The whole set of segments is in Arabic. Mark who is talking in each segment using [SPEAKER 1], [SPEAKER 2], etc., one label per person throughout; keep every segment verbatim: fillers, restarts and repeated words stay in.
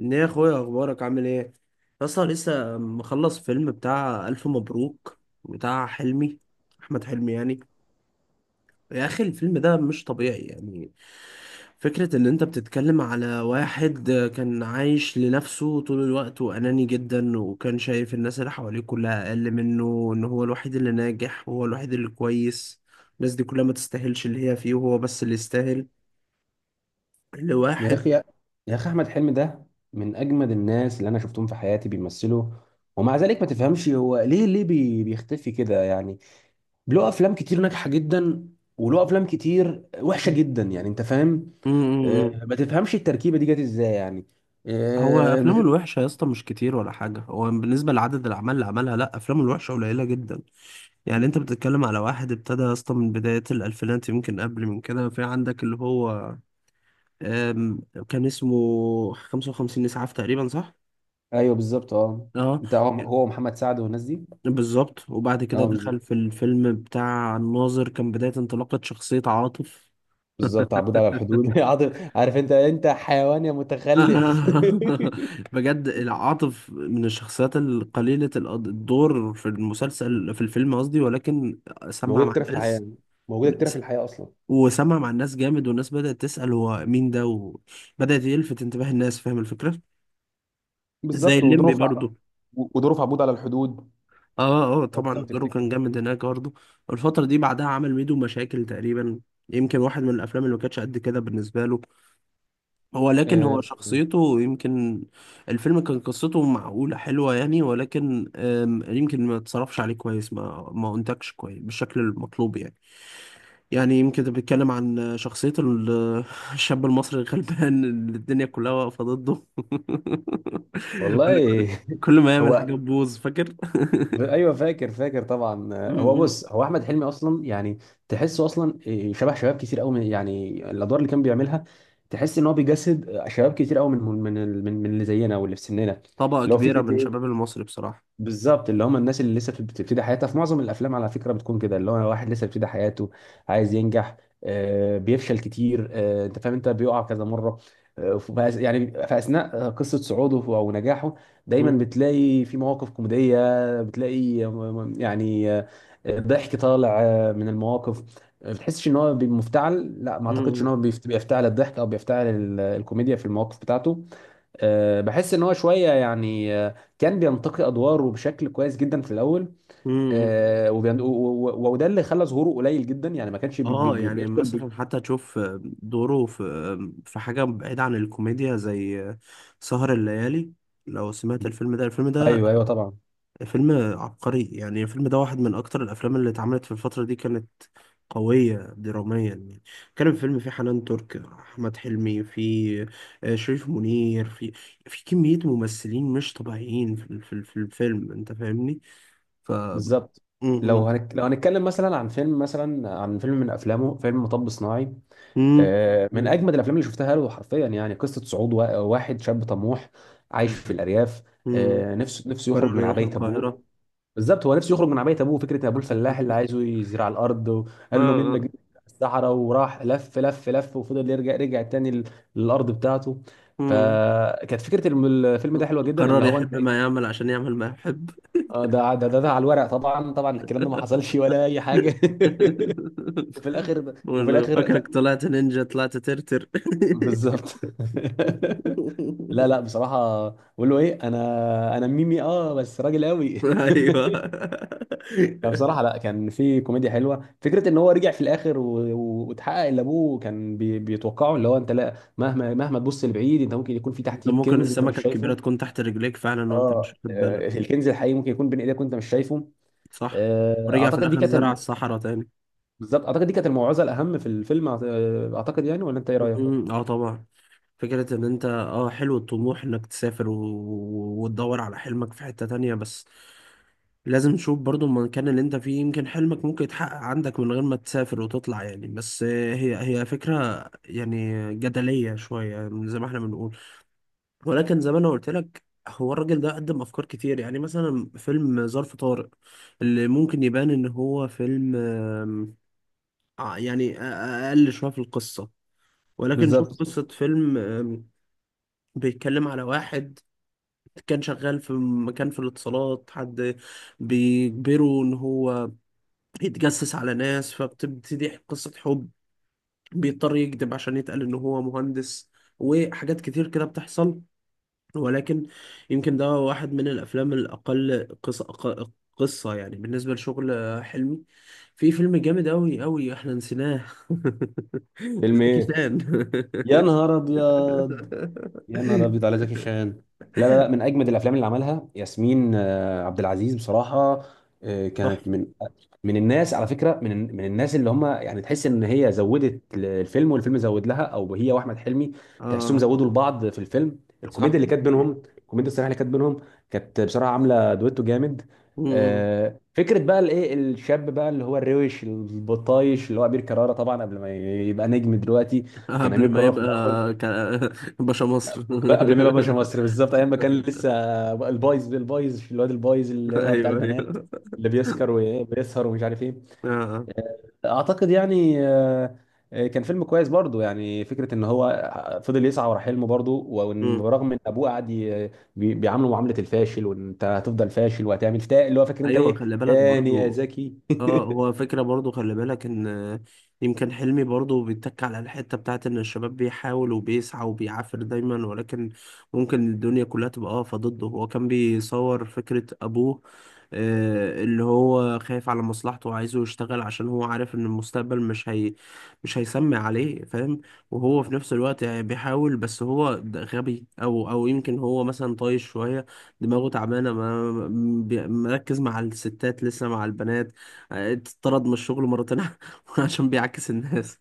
[SPEAKER 1] ايه يا اخويا، اخبارك؟ عامل ايه؟ اصلا لسه مخلص فيلم بتاع الف مبروك، بتاع حلمي، احمد حلمي يعني. يا اخي الفيلم ده مش طبيعي يعني. فكرة ان انت بتتكلم على واحد كان عايش لنفسه طول الوقت، واناني جدا، وكان شايف الناس اللي حواليه كلها اقل منه، ان هو الوحيد اللي ناجح وهو الوحيد اللي كويس. الناس دي كلها ما تستاهلش اللي هي فيه وهو بس اللي يستاهل.
[SPEAKER 2] يا
[SPEAKER 1] لواحد.
[SPEAKER 2] اخي يا اخي احمد حلمي ده من اجمد الناس اللي انا شفتهم في حياتي بيمثلوا. ومع ذلك ما تفهمش هو ليه ليه بي- بيختفي كده يعني. له افلام كتير ناجحه جدا وله افلام كتير وحشه جدا، يعني انت فاهم؟ آه،
[SPEAKER 1] مم.
[SPEAKER 2] ما تفهمش التركيبه دي جت ازاي يعني.
[SPEAKER 1] هو
[SPEAKER 2] آه، ما
[SPEAKER 1] افلامه
[SPEAKER 2] تف-
[SPEAKER 1] الوحشه يا اسطى مش كتير ولا حاجه، هو بالنسبه لعدد الاعمال اللي عملها، لا، افلامه الوحشه قليله جدا. يعني انت بتتكلم على واحد ابتدى يا اسطى من بدايه الالفينات، يمكن قبل من كده. في عندك اللي هو آم، كان اسمه خمسة وخمسين اسعاف تقريبا، صح؟
[SPEAKER 2] ايوه بالظبط اه.
[SPEAKER 1] اه
[SPEAKER 2] انت هو هو محمد سعد والناس دي.
[SPEAKER 1] بالظبط. وبعد كده
[SPEAKER 2] اه
[SPEAKER 1] دخل
[SPEAKER 2] بالظبط.
[SPEAKER 1] في الفيلم بتاع الناظر، كان بدايه انطلاقه شخصيه عاطف.
[SPEAKER 2] بالظبط، عبود على الحدود عاطف. عارف انت انت حيوان يا متخلف
[SPEAKER 1] بجد العاطف من الشخصيات القليلة، الأد- الدور في المسلسل، في الفيلم قصدي، ولكن سمع
[SPEAKER 2] موجوده
[SPEAKER 1] مع
[SPEAKER 2] كتير في الحياه،
[SPEAKER 1] الناس.
[SPEAKER 2] موجوده كتير في الحياه اصلا.
[SPEAKER 1] وسمع مع الناس جامد، والناس بدأت تسأل هو مين ده، وبدأت يلفت انتباه الناس، فاهم الفكرة؟ زي
[SPEAKER 2] بالظبط،
[SPEAKER 1] الليمبي
[SPEAKER 2] وظروف ع-
[SPEAKER 1] برضو.
[SPEAKER 2] وظروف عبود على الحدود.
[SPEAKER 1] اه اه،
[SPEAKER 2] لو
[SPEAKER 1] طبعا
[SPEAKER 2] لو
[SPEAKER 1] دوره كان
[SPEAKER 2] تفتكر.
[SPEAKER 1] جامد هناك برضو. الفترة دي بعدها عمل ميدو مشاكل تقريبا، يمكن واحد من الأفلام اللي ما كانتش قد كده بالنسبة له، هو لكن هو
[SPEAKER 2] آه،
[SPEAKER 1] شخصيته يمكن. الفيلم كان قصته معقولة، حلوة يعني، ولكن آم، يمكن ما اتصرفش عليه كويس، ما ما انتجش كويس بالشكل المطلوب يعني. يعني يمكن ده بيتكلم عن شخصية ال- الشاب المصري الغلبان اللي الدنيا كلها واقفة ضده اللي
[SPEAKER 2] والله
[SPEAKER 1] كل ما يعمل
[SPEAKER 2] هو.
[SPEAKER 1] حاجة تبوظ، فاكر؟
[SPEAKER 2] ايوه فاكر، فاكر طبعا.
[SPEAKER 1] م-
[SPEAKER 2] آه، هو
[SPEAKER 1] م.
[SPEAKER 2] بص، هو احمد حلمي اصلا يعني تحسه اصلا، آه، شبه شباب كتير قوي، من يعني الادوار اللي كان بيعملها. تحس ان هو بيجسد آه، شباب كتير قوي من من من من اللي زينا واللي في سننا.
[SPEAKER 1] طبقة
[SPEAKER 2] اللي هو
[SPEAKER 1] كبيرة
[SPEAKER 2] فكره
[SPEAKER 1] من شباب
[SPEAKER 2] إيه؟
[SPEAKER 1] المصري بصراحة.
[SPEAKER 2] بالظبط، اللي هم الناس اللي لسه بتبتدي حياتها. في معظم الافلام على فكره بتكون كده، اللي هو واحد لسه بيبتدي حياته، عايز ينجح، آه، بيفشل كتير. آه، انت فاهم؟ انت بيقع كذا مره. آه، ف- يعني في اثناء قصه صعوده او نجاحه دايما
[SPEAKER 1] م-
[SPEAKER 2] بتلاقي في مواقف كوميديه. بتلاقي آه، يعني آه، ضحك طالع آه، من المواقف. آه، بتحسش ان هو بي- مفتعل. لا، ما اعتقدش ان
[SPEAKER 1] م-
[SPEAKER 2] هو بيفت- بيفتعل الضحك او بيفتعل ال- الكوميديا في المواقف بتاعته. آه، بحس ان هو شويه يعني، آه، كان بينتقي ادواره بشكل كويس جدا في الاول.
[SPEAKER 1] م-
[SPEAKER 2] آه، وبين- و- و- و- وده اللي خلى ظهوره قليل جدا يعني، ما كانش بي بي
[SPEAKER 1] اه
[SPEAKER 2] بي-
[SPEAKER 1] يعني
[SPEAKER 2] بيدخل ب...
[SPEAKER 1] مثلا حتى تشوف دوره في في حاجة بعيدة عن الكوميديا زي سهر الليالي. لو سمعت الفيلم ده، الفيلم ده
[SPEAKER 2] ايوه ايوه طبعا
[SPEAKER 1] فيلم عبقري يعني. الفيلم ده واحد من أكتر الأفلام اللي اتعملت في الفترة دي، كانت قوية دراميا يعني. كان الفيلم فيه حنان ترك، أحمد حلمي فيه، آه، شريف منير فيه، في كمية ممثلين مش طبيعيين في ال- في ال- في الفيلم، أنت فاهمني؟ ف م-
[SPEAKER 2] بالظبط. لو
[SPEAKER 1] م-
[SPEAKER 2] هنك... لو هنتكلم مثلا عن فيلم، مثلا عن فيلم من افلامه، فيلم مطب صناعي.
[SPEAKER 1] م-
[SPEAKER 2] آه، من
[SPEAKER 1] م-
[SPEAKER 2] اجمد الافلام اللي شفتها له حرفيا، يعني قصه صعود وا- واحد شاب طموح عايش في الارياف،
[SPEAKER 1] م-
[SPEAKER 2] آه، نفسه نفسه يخرج
[SPEAKER 1] قرر
[SPEAKER 2] من
[SPEAKER 1] يروح
[SPEAKER 2] عبايه ابوه.
[SPEAKER 1] القاهرة.
[SPEAKER 2] بالظبط، هو نفسه يخرج من عبايه ابوه. فكره ابوه الفلاح اللي عايزه يزرع الارض،
[SPEAKER 1] اه
[SPEAKER 2] وقال له مين
[SPEAKER 1] اه.
[SPEAKER 2] بجني الصحراء؟ وراح لف لف لف وفضل يرجع، رجع تاني ل- للارض بتاعته.
[SPEAKER 1] مم.
[SPEAKER 2] فكانت فكره الم- الفيلم ده حلوه جدا.
[SPEAKER 1] قرر
[SPEAKER 2] اللي هو انت
[SPEAKER 1] يحب ما
[SPEAKER 2] إيه؟
[SPEAKER 1] يعمل عشان يعمل ما يحب.
[SPEAKER 2] آه، ده ده ده, ده على الورق طبعا، طبعا الكلام ده ما حصلش ولا اي حاجه وفي الاخر
[SPEAKER 1] بقول
[SPEAKER 2] وفي
[SPEAKER 1] له
[SPEAKER 2] الاخر
[SPEAKER 1] فاكرك
[SPEAKER 2] ز-
[SPEAKER 1] طلعت نينجا، طلعت ترتر.
[SPEAKER 2] بالظبط لا لا بصراحه. بقول له ايه؟ انا انا ميمي، اه بس راجل قوي
[SPEAKER 1] ايوه.
[SPEAKER 2] فبصراحة لا، كان في كوميديا حلوة. فكرة ان هو رجع في الاخر و- و- واتحقق اللي ابوه كان بي- بيتوقعه، اللي هو انت لا، مهما مهما تبص لبعيد، انت ممكن يكون في
[SPEAKER 1] انت
[SPEAKER 2] تحتيك
[SPEAKER 1] ممكن
[SPEAKER 2] كنز انت مش
[SPEAKER 1] السمكة الكبيرة
[SPEAKER 2] شايفه.
[SPEAKER 1] تكون تحت رجليك فعلا وانت مش
[SPEAKER 2] اه،
[SPEAKER 1] واخد بالك.
[SPEAKER 2] آه، الكنز الحقيقي ممكن يكون بين ايدك وانت مش شايفه.
[SPEAKER 1] صح.
[SPEAKER 2] آه،
[SPEAKER 1] ورجع في
[SPEAKER 2] اعتقد دي
[SPEAKER 1] الاخر
[SPEAKER 2] كانت
[SPEAKER 1] زرع
[SPEAKER 2] ال-
[SPEAKER 1] الصحراء تاني.
[SPEAKER 2] بالظبط، اعتقد دي كانت الموعظة الاهم في الفيلم. أعت- آه، اعتقد يعني، ولا انت ايه رأيك؟
[SPEAKER 1] مم. اه طبعا. فكرة ان انت، اه، حلو الطموح انك تسافر و... و- وتدور على حلمك في حتة تانية، بس لازم تشوف برضو المكان اللي انت فيه، يمكن حلمك ممكن يتحقق عندك من غير ما تسافر وتطلع يعني. بس هي هي فكرة يعني جدلية شوية يعني، زي ما احنا بنقول. ولكن زي ما انا قلت لك، هو الراجل ده قدم افكار كتير. يعني مثلا فيلم ظرف طارق، اللي ممكن يبان ان هو فيلم آم، ع- يعني أ- اقل شوية في القصة، ولكن شوف
[SPEAKER 2] بالظبط.
[SPEAKER 1] قصة فيلم بيتكلم على واحد كان شغال في مكان في الاتصالات، حد بيجبره ان هو يتجسس على ناس، فبتبتدي قصة حب، بيضطر يكذب عشان يتقال ان هو مهندس، وحاجات كتير كده بتحصل. ولكن يمكن ده واحد من الافلام الاقل قصة، أق- قصة يعني، بالنسبة لشغل حلمي. في فيلم جامد أوي أوي احنا نسيناه.
[SPEAKER 2] فيلم
[SPEAKER 1] زكي
[SPEAKER 2] ايه؟
[SPEAKER 1] شان.
[SPEAKER 2] يا نهار ابيض. يا نهار ابيض على زكي شان. لا لا لا، من اجمد الافلام اللي عملها ياسمين آه، عبد العزيز بصراحه. آه، كانت
[SPEAKER 1] تحفة،
[SPEAKER 2] من، من الناس على فكره، من من الناس اللي هم يعني تحس ان هي زودت الفيلم والفيلم زود لها، او هي واحمد حلمي تحسهم
[SPEAKER 1] اه،
[SPEAKER 2] زودوا لبعض في الفيلم.
[SPEAKER 1] صح.
[SPEAKER 2] الكوميديا اللي كانت
[SPEAKER 1] يعني.
[SPEAKER 2] بينهم، الكوميديا الصريحه اللي كانت بينهم كانت بصراحه عامله دويتو جامد.
[SPEAKER 1] مم.
[SPEAKER 2] آه، فكره بقى الايه، الشاب بقى اللي هو الروش البطايش، اللي هو امير كرارة، طبعا قبل ما يبقى نجم دلوقتي. كان
[SPEAKER 1] قبل
[SPEAKER 2] امير
[SPEAKER 1] ما
[SPEAKER 2] كرارة في
[SPEAKER 1] يبقى
[SPEAKER 2] الاول
[SPEAKER 1] ك... باشا مصر.
[SPEAKER 2] بقى قبل ما يبقى باشا مصر، بالظبط ايام ما كان لسه البايظ البايظ في الواد البايظ، اللي هو بتاع
[SPEAKER 1] ايوه
[SPEAKER 2] البنات،
[SPEAKER 1] ايوه.
[SPEAKER 2] اللي بيسكر وبيسهر ومش عارف ايه.
[SPEAKER 1] آه.
[SPEAKER 2] اعتقد يعني آه، آه، كان فيلم كويس برضو. يعني فكره ان هو فضل يسعى ورا حلمه برضو، وإن
[SPEAKER 1] مم.
[SPEAKER 2] برغم ان ابوه قعد ي- بي- بيعامله معامله الفاشل، وان انت هتفضل فاشل وهتعمل تا، اللي هو فاكر انت
[SPEAKER 1] ايوه،
[SPEAKER 2] ايه
[SPEAKER 1] خلي بالك
[SPEAKER 2] تاني يا
[SPEAKER 1] برضو.
[SPEAKER 2] زكي
[SPEAKER 1] اه هو فكرة برضو، خلي بالك ان يمكن حلمي برضو بيتك على الحتة بتاعت ان الشباب بيحاول وبيسعى وبيعافر دايما، ولكن ممكن الدنيا كلها تبقى واقفة ضده. هو كان بيصور فكرة ابوه، آه، اللي هو خايف على مصلحته وعايزه يشتغل، عشان هو عارف ان المستقبل مش هي، مش هيسمع عليه، فاهم؟ وهو في نفس الوقت يعني بيحاول، بس هو ده غبي او او يمكن هو مثلا طايش شوية، دماغه تعبانة، ما م- بي- مركز مع الستات لسه، مع البنات. آه، اتطرد من الشغل مرتين، عشان بيعكس الناس،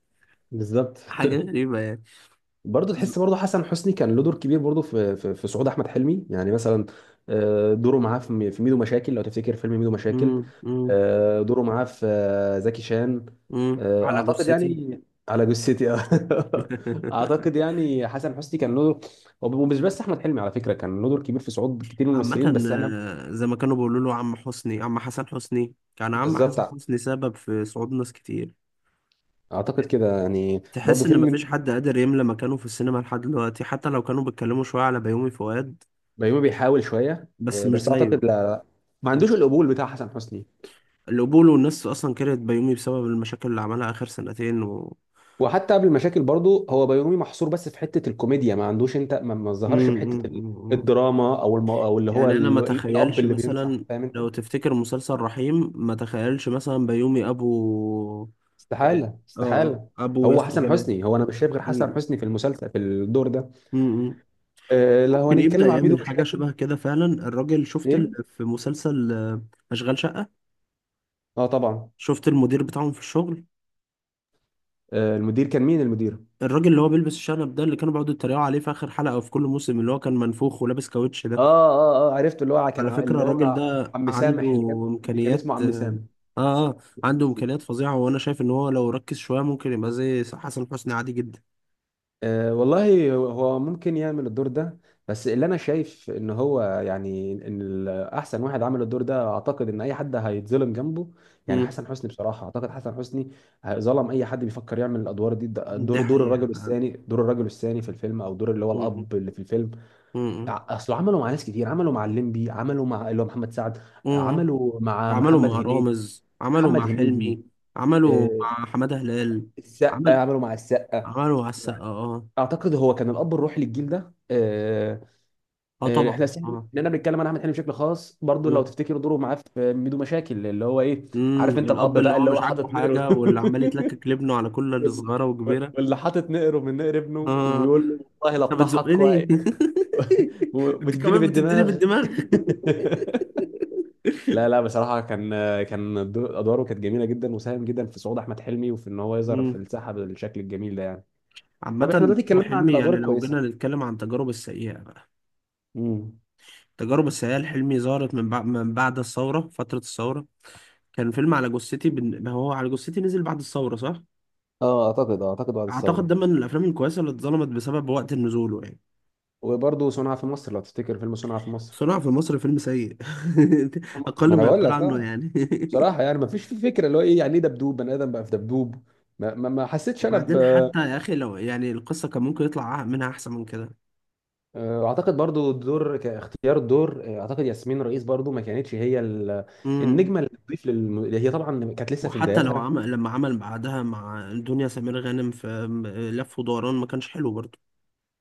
[SPEAKER 2] بالظبط.
[SPEAKER 1] حاجة غريبة يعني.
[SPEAKER 2] برضه
[SPEAKER 1] ز-
[SPEAKER 2] تحس برضه حسن حسني كان له دور كبير برضه في في, في صعود احمد حلمي. يعني مثلا آه، دوره معاه في مي- في ميدو مشاكل، لو تفتكر فيلم ميدو مشاكل،
[SPEAKER 1] مم، مم،
[SPEAKER 2] آه، دوره معاه في آه، زكي شان،
[SPEAKER 1] مم،
[SPEAKER 2] آه،
[SPEAKER 1] على
[SPEAKER 2] اعتقد
[SPEAKER 1] جثتي.
[SPEAKER 2] يعني، على جثتي. آه. اعتقد يعني حسن حسني كان له. ومش بس احمد حلمي على فكره، كان له دور كبير في صعود كتير من الممثلين
[SPEAKER 1] عامة،
[SPEAKER 2] بس احنا.
[SPEAKER 1] آه، زي ما كانوا بيقولوا له عم حسني، عم حسن حسني، كان عم
[SPEAKER 2] بالظبط.
[SPEAKER 1] حسن حسني سبب في صعود ناس كتير.
[SPEAKER 2] اعتقد كده يعني،
[SPEAKER 1] تحس
[SPEAKER 2] برضه
[SPEAKER 1] ان
[SPEAKER 2] فيلم.
[SPEAKER 1] مفيش حد قادر يملى مكانه في السينما لحد دلوقتي، حتى لو كانوا بيتكلموا شوية على بيومي فؤاد،
[SPEAKER 2] بيومي بيحاول شويه
[SPEAKER 1] بس
[SPEAKER 2] آه،
[SPEAKER 1] مش
[SPEAKER 2] بس اعتقد
[SPEAKER 1] زيه.
[SPEAKER 2] لا، ما عندوش القبول بتاع حسن حسني.
[SPEAKER 1] القبول والناس اصلا كرهت بيومي بسبب المشاكل اللي عملها اخر سنتين و...
[SPEAKER 2] وحتى قبل المشاكل برضه، هو بيومي محصور بس في حته الكوميديا. ما عندوش، انت ما ما ظهرش في حته ال-
[SPEAKER 1] امم
[SPEAKER 2] الدراما، او الم... او اللي هو
[SPEAKER 1] يعني انا
[SPEAKER 2] ال...
[SPEAKER 1] ما
[SPEAKER 2] ال- الاب
[SPEAKER 1] تخيلش
[SPEAKER 2] اللي بينصح،
[SPEAKER 1] مثلا،
[SPEAKER 2] فاهم انت.
[SPEAKER 1] لو تفتكر مسلسل رحيم، ما تخيلش مثلا بيومي ابو، اه،
[SPEAKER 2] استحاله،
[SPEAKER 1] آه، آه،
[SPEAKER 2] استحاله.
[SPEAKER 1] ابو
[SPEAKER 2] هو
[SPEAKER 1] ياسر
[SPEAKER 2] حسن
[SPEAKER 1] جلال.
[SPEAKER 2] حسني، هو انا مش شايف غير حسن
[SPEAKER 1] مم.
[SPEAKER 2] حسني في المسلسل في الدور ده.
[SPEAKER 1] مم.
[SPEAKER 2] آه، لو
[SPEAKER 1] ممكن يبدأ
[SPEAKER 2] هنتكلم عن ميدو
[SPEAKER 1] يعمل حاجة
[SPEAKER 2] مشاكل.
[SPEAKER 1] شبه كده فعلا الراجل. شفت ال...
[SPEAKER 2] ايه؟
[SPEAKER 1] في مسلسل آه، أشغال شقة؟
[SPEAKER 2] اه طبعا.
[SPEAKER 1] شفت المدير بتاعهم في الشغل،
[SPEAKER 2] آه، المدير كان مين المدير؟
[SPEAKER 1] الراجل اللي هو بيلبس الشنب ده، اللي كانوا بيقعدوا يتريقوا عليه في آخر حلقة وفي كل موسم، اللي هو كان منفوخ ولابس كاوتش
[SPEAKER 2] اه
[SPEAKER 1] ده.
[SPEAKER 2] اه اه، عرفت اللي هو ع- كان
[SPEAKER 1] على
[SPEAKER 2] ع-
[SPEAKER 1] فكرة
[SPEAKER 2] اللي
[SPEAKER 1] الراجل
[SPEAKER 2] هو
[SPEAKER 1] ده
[SPEAKER 2] عم
[SPEAKER 1] عنده
[SPEAKER 2] سامح، اللي كان، اللي كان
[SPEAKER 1] إمكانيات
[SPEAKER 2] اسمه عم
[SPEAKER 1] آه
[SPEAKER 2] سامح.
[SPEAKER 1] آه عنده إمكانيات فظيعة، وأنا شايف إن هو لو ركز شوية ممكن يبقى زي حسن حسني عادي جدا.
[SPEAKER 2] أه والله، هو ممكن يعمل الدور ده. بس اللي انا شايف ان هو يعني، ان ال- احسن واحد عمل الدور ده اعتقد ان اي حد هيتظلم جنبه. يعني
[SPEAKER 1] مم.
[SPEAKER 2] حسن حسني بصراحه، اعتقد حسن حسني ظلم اي حد بيفكر يعمل الادوار دي.
[SPEAKER 1] دي
[SPEAKER 2] دور دور
[SPEAKER 1] حقيقة
[SPEAKER 2] الرجل
[SPEAKER 1] فعلا.
[SPEAKER 2] الثاني، دور الرجل الثاني في الفيلم، او دور اللي هو
[SPEAKER 1] مم.
[SPEAKER 2] الاب اللي في الفيلم.
[SPEAKER 1] مم.
[SPEAKER 2] ع- اصله عملوا مع ناس كتير، عملوا مع الليمبي، عملوا مع اللي هو محمد سعد،
[SPEAKER 1] مم.
[SPEAKER 2] عملوا مع
[SPEAKER 1] عملوا
[SPEAKER 2] محمد
[SPEAKER 1] مع
[SPEAKER 2] هنيدي،
[SPEAKER 1] رامز، عملوا
[SPEAKER 2] محمد
[SPEAKER 1] مع
[SPEAKER 2] هنيدي،
[SPEAKER 1] حلمي، عملوا
[SPEAKER 2] أه
[SPEAKER 1] مع حمادة هلال.
[SPEAKER 2] السقا،
[SPEAKER 1] عمل،
[SPEAKER 2] عملوا مع السقا.
[SPEAKER 1] عملوا مع السقا. اه
[SPEAKER 2] اعتقد هو كان الاب الروحي للجيل ده. آه،
[SPEAKER 1] اه، آه،
[SPEAKER 2] آه،
[SPEAKER 1] طبعا
[SPEAKER 2] احنا سهل
[SPEAKER 1] اه.
[SPEAKER 2] ان انا بنتكلم عن احمد حلمي بشكل خاص برضو. لو
[SPEAKER 1] مم.
[SPEAKER 2] تفتكروا دوره معاه في ميدو مشاكل اللي هو ايه،
[SPEAKER 1] مم.
[SPEAKER 2] عارف انت الاب
[SPEAKER 1] الأب اللي
[SPEAKER 2] بقى
[SPEAKER 1] هو
[SPEAKER 2] اللي
[SPEAKER 1] مش
[SPEAKER 2] هو
[SPEAKER 1] عاجبه
[SPEAKER 2] حاطط نقره
[SPEAKER 1] حاجة واللي عمال يتلكك لابنه على كل اللي
[SPEAKER 2] وال-
[SPEAKER 1] صغيرة وكبيرة.
[SPEAKER 2] واللي حاطط نقره من نقر ابنه،
[SPEAKER 1] اه،
[SPEAKER 2] وبيقول له والله لا
[SPEAKER 1] انت
[SPEAKER 2] اضحك و-
[SPEAKER 1] بتزقني. انت
[SPEAKER 2] وبتديني
[SPEAKER 1] كمان بتديني
[SPEAKER 2] بالدماغ
[SPEAKER 1] بالدماغ.
[SPEAKER 2] لا لا بصراحه كان، كان دور- ادواره كانت جميله جدا، وساهم جدا في صعود احمد حلمي وفي ان هو يظهر في
[SPEAKER 1] مم.
[SPEAKER 2] الساحه بالشكل الجميل ده يعني.
[SPEAKER 1] عامة،
[SPEAKER 2] طب احنا دلوقتي
[SPEAKER 1] برضه
[SPEAKER 2] اتكلمنا عن
[SPEAKER 1] حلمي،
[SPEAKER 2] الادوار
[SPEAKER 1] يعني لو
[SPEAKER 2] الكويسه.
[SPEAKER 1] جينا نتكلم عن تجارب السيئة بقى،
[SPEAKER 2] امم،
[SPEAKER 1] التجارب السيئة لحلمي ظهرت من بعد من بعد الثورة، فترة الثورة. كان فيلم على جثتي، بن... ما هو على جثتي نزل بعد الثورة صح؟
[SPEAKER 2] اه اعتقد آه، اعتقد بعد
[SPEAKER 1] اعتقد
[SPEAKER 2] الثوره.
[SPEAKER 1] ده من الافلام الكويسه اللي اتظلمت بسبب وقت نزوله يعني.
[SPEAKER 2] وبرضه صنع في مصر، لو تفتكر فيلم صنع في مصر.
[SPEAKER 1] صنع في مصر فيلم سيء، اقل
[SPEAKER 2] ما انا
[SPEAKER 1] ما
[SPEAKER 2] بقول
[SPEAKER 1] يقال
[SPEAKER 2] لك
[SPEAKER 1] عنه
[SPEAKER 2] اه،
[SPEAKER 1] يعني.
[SPEAKER 2] بصراحه يعني ما فيش، في فكره اللي هو ايه، يعني ايه دبدوب؟ بني ادم بقى في دبدوب؟ ما, ما, ما حسيتش انا ب.
[SPEAKER 1] وبعدين حتى يا اخي لو يعني القصه كان ممكن يطلع منها احسن من كده.
[SPEAKER 2] آه، اعتقد برضو الدور كاختيار الدور، آه، اعتقد ياسمين رئيس برضو ما كانتش هي ال-
[SPEAKER 1] امم.
[SPEAKER 2] النجمه اللي تضيف للم... اللي هي طبعا كانت لسه في
[SPEAKER 1] وحتى لو
[SPEAKER 2] بداياتها.
[SPEAKER 1] عمل، لما عمل بعدها مع دنيا سمير غانم في م- لف ودوران، ما كانش حلو برضه.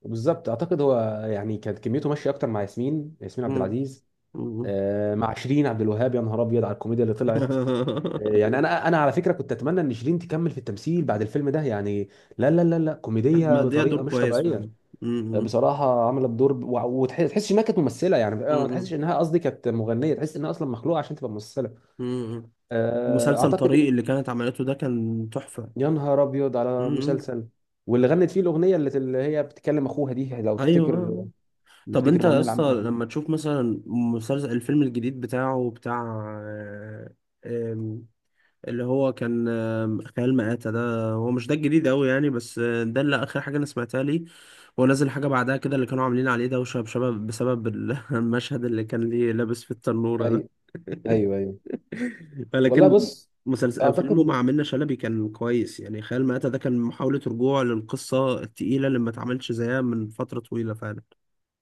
[SPEAKER 2] بالظبط. اعتقد هو يعني كانت كميته ماشيه اكتر مع ياسمين، ياسمين عبد
[SPEAKER 1] امم.
[SPEAKER 2] العزيز.
[SPEAKER 1] أمم.
[SPEAKER 2] آه، مع شيرين عبد الوهاب يا نهار ابيض على الكوميديا اللي طلعت يعني. انا انا على فكره كنت اتمنى ان شيرين تكمل في التمثيل بعد الفيلم ده يعني. لا لا لا لا،
[SPEAKER 1] كانت
[SPEAKER 2] كوميديه
[SPEAKER 1] مأدية دور
[SPEAKER 2] بطريقه مش
[SPEAKER 1] كويس
[SPEAKER 2] طبيعيه.
[SPEAKER 1] فعلا. امم.
[SPEAKER 2] بصراحه عملت دور ب- وع- وتحس، تحسش انها كانت ممثله يعني. آه، ما تحسش
[SPEAKER 1] امم.
[SPEAKER 2] انها، قصدي كانت مغنيه، تحس انها اصلا مخلوقه عشان تبقى ممثله.
[SPEAKER 1] امم.
[SPEAKER 2] آه،
[SPEAKER 1] مسلسل
[SPEAKER 2] اعتقد.
[SPEAKER 1] طريق اللي كانت عملته ده كان تحفه.
[SPEAKER 2] يا نهار ابيض على
[SPEAKER 1] امم.
[SPEAKER 2] مسلسل. واللي غنت فيه الاغنيه اللي اللي هي بتكلم اخوها دي، لو تفتكر.
[SPEAKER 1] ايوه. طب
[SPEAKER 2] نفتكر
[SPEAKER 1] انت يا
[SPEAKER 2] الاغنيه اللي
[SPEAKER 1] اسطى
[SPEAKER 2] عملها.
[SPEAKER 1] لما تشوف مثلا مسلسل، الفيلم الجديد بتاعه بتاع، آه، آم، اللي هو كان آم، خيال مآتة، ده هو مش ده الجديد قوي يعني، بس آه، ده اللي اخر حاجة انا سمعتها ليه. هو نازل حاجة بعدها كده، اللي كانوا عاملين عليه دوشة بسبب بسبب ال- المشهد اللي كان ليه لابس في التنورة ده.
[SPEAKER 2] ايوه ايوه ايوه. والله
[SPEAKER 1] لكن
[SPEAKER 2] بص،
[SPEAKER 1] مسلسل، فيلمه
[SPEAKER 2] اعتقد.
[SPEAKER 1] مع منة شلبي، كان كويس يعني. خيال مآتة ده كان محاولة رجوع للقصة التقيلة اللي ما اتعملش زيها من فترة طويلة فعلا.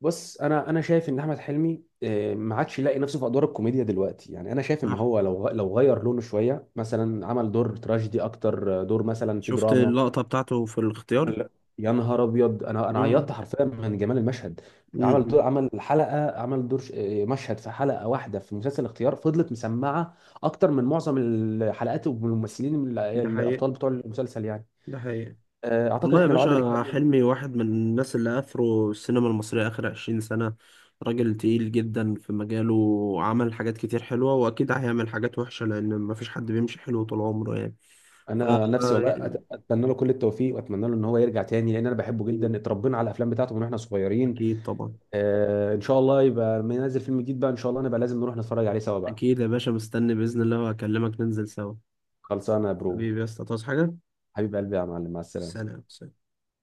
[SPEAKER 2] بص انا انا شايف ان احمد حلمي آه، ما عادش يلاقي نفسه في ادوار الكوميديا دلوقتي. يعني انا شايف ان
[SPEAKER 1] صح.
[SPEAKER 2] هو لو غ- لو غير لونه شويه، مثلا عمل دور تراجيدي اكتر، آه، دور مثلا في
[SPEAKER 1] شفت
[SPEAKER 2] دراما.
[SPEAKER 1] اللقطة بتاعته في الاختيار؟
[SPEAKER 2] لا. يا نهار ابيض، انا انا
[SPEAKER 1] مم.
[SPEAKER 2] عيطت حرفيا من جمال المشهد. عمل دور
[SPEAKER 1] مم.
[SPEAKER 2] عمل حلقه عمل دور ش- آه، مشهد في حلقه واحده في مسلسل الاختيار فضلت مسمعه اكتر من معظم الحلقات والممثلين
[SPEAKER 1] ده حقيقة،
[SPEAKER 2] الابطال بتوع المسلسل يعني.
[SPEAKER 1] ده حقيقة.
[SPEAKER 2] آه، اعتقد
[SPEAKER 1] والله يا
[SPEAKER 2] احنا لو قعدنا.
[SPEAKER 1] باشا، حلمي واحد من الناس اللي أثروا السينما المصرية آخر عشرين سنة. راجل تقيل جدا في مجاله، وعمل حاجات كتير حلوة، وأكيد هيعمل حاجات وحشة، لأن مفيش حد بيمشي حلو طول عمره يعني. ف
[SPEAKER 2] انا نفسي والله أت- اتمنى له كل التوفيق، واتمنى له ان هو يرجع تاني، لان انا بحبه جدا، اتربينا على الافلام بتاعته من واحنا صغيرين.
[SPEAKER 1] أكيد طبعا.
[SPEAKER 2] آه ان شاء الله يبقى لما ينزل فيلم جديد بقى ان شاء الله نبقى لازم نروح نتفرج عليه سوا بقى.
[SPEAKER 1] أكيد يا باشا، مستني بإذن الله، وأكلمك ننزل سوا.
[SPEAKER 2] خلصانه يا برو.
[SPEAKER 1] حبيبي يا اسطى، تعوز حاجة؟
[SPEAKER 2] حبيب قلبي يا معلم، مع السلامه.
[SPEAKER 1] سلام سلام.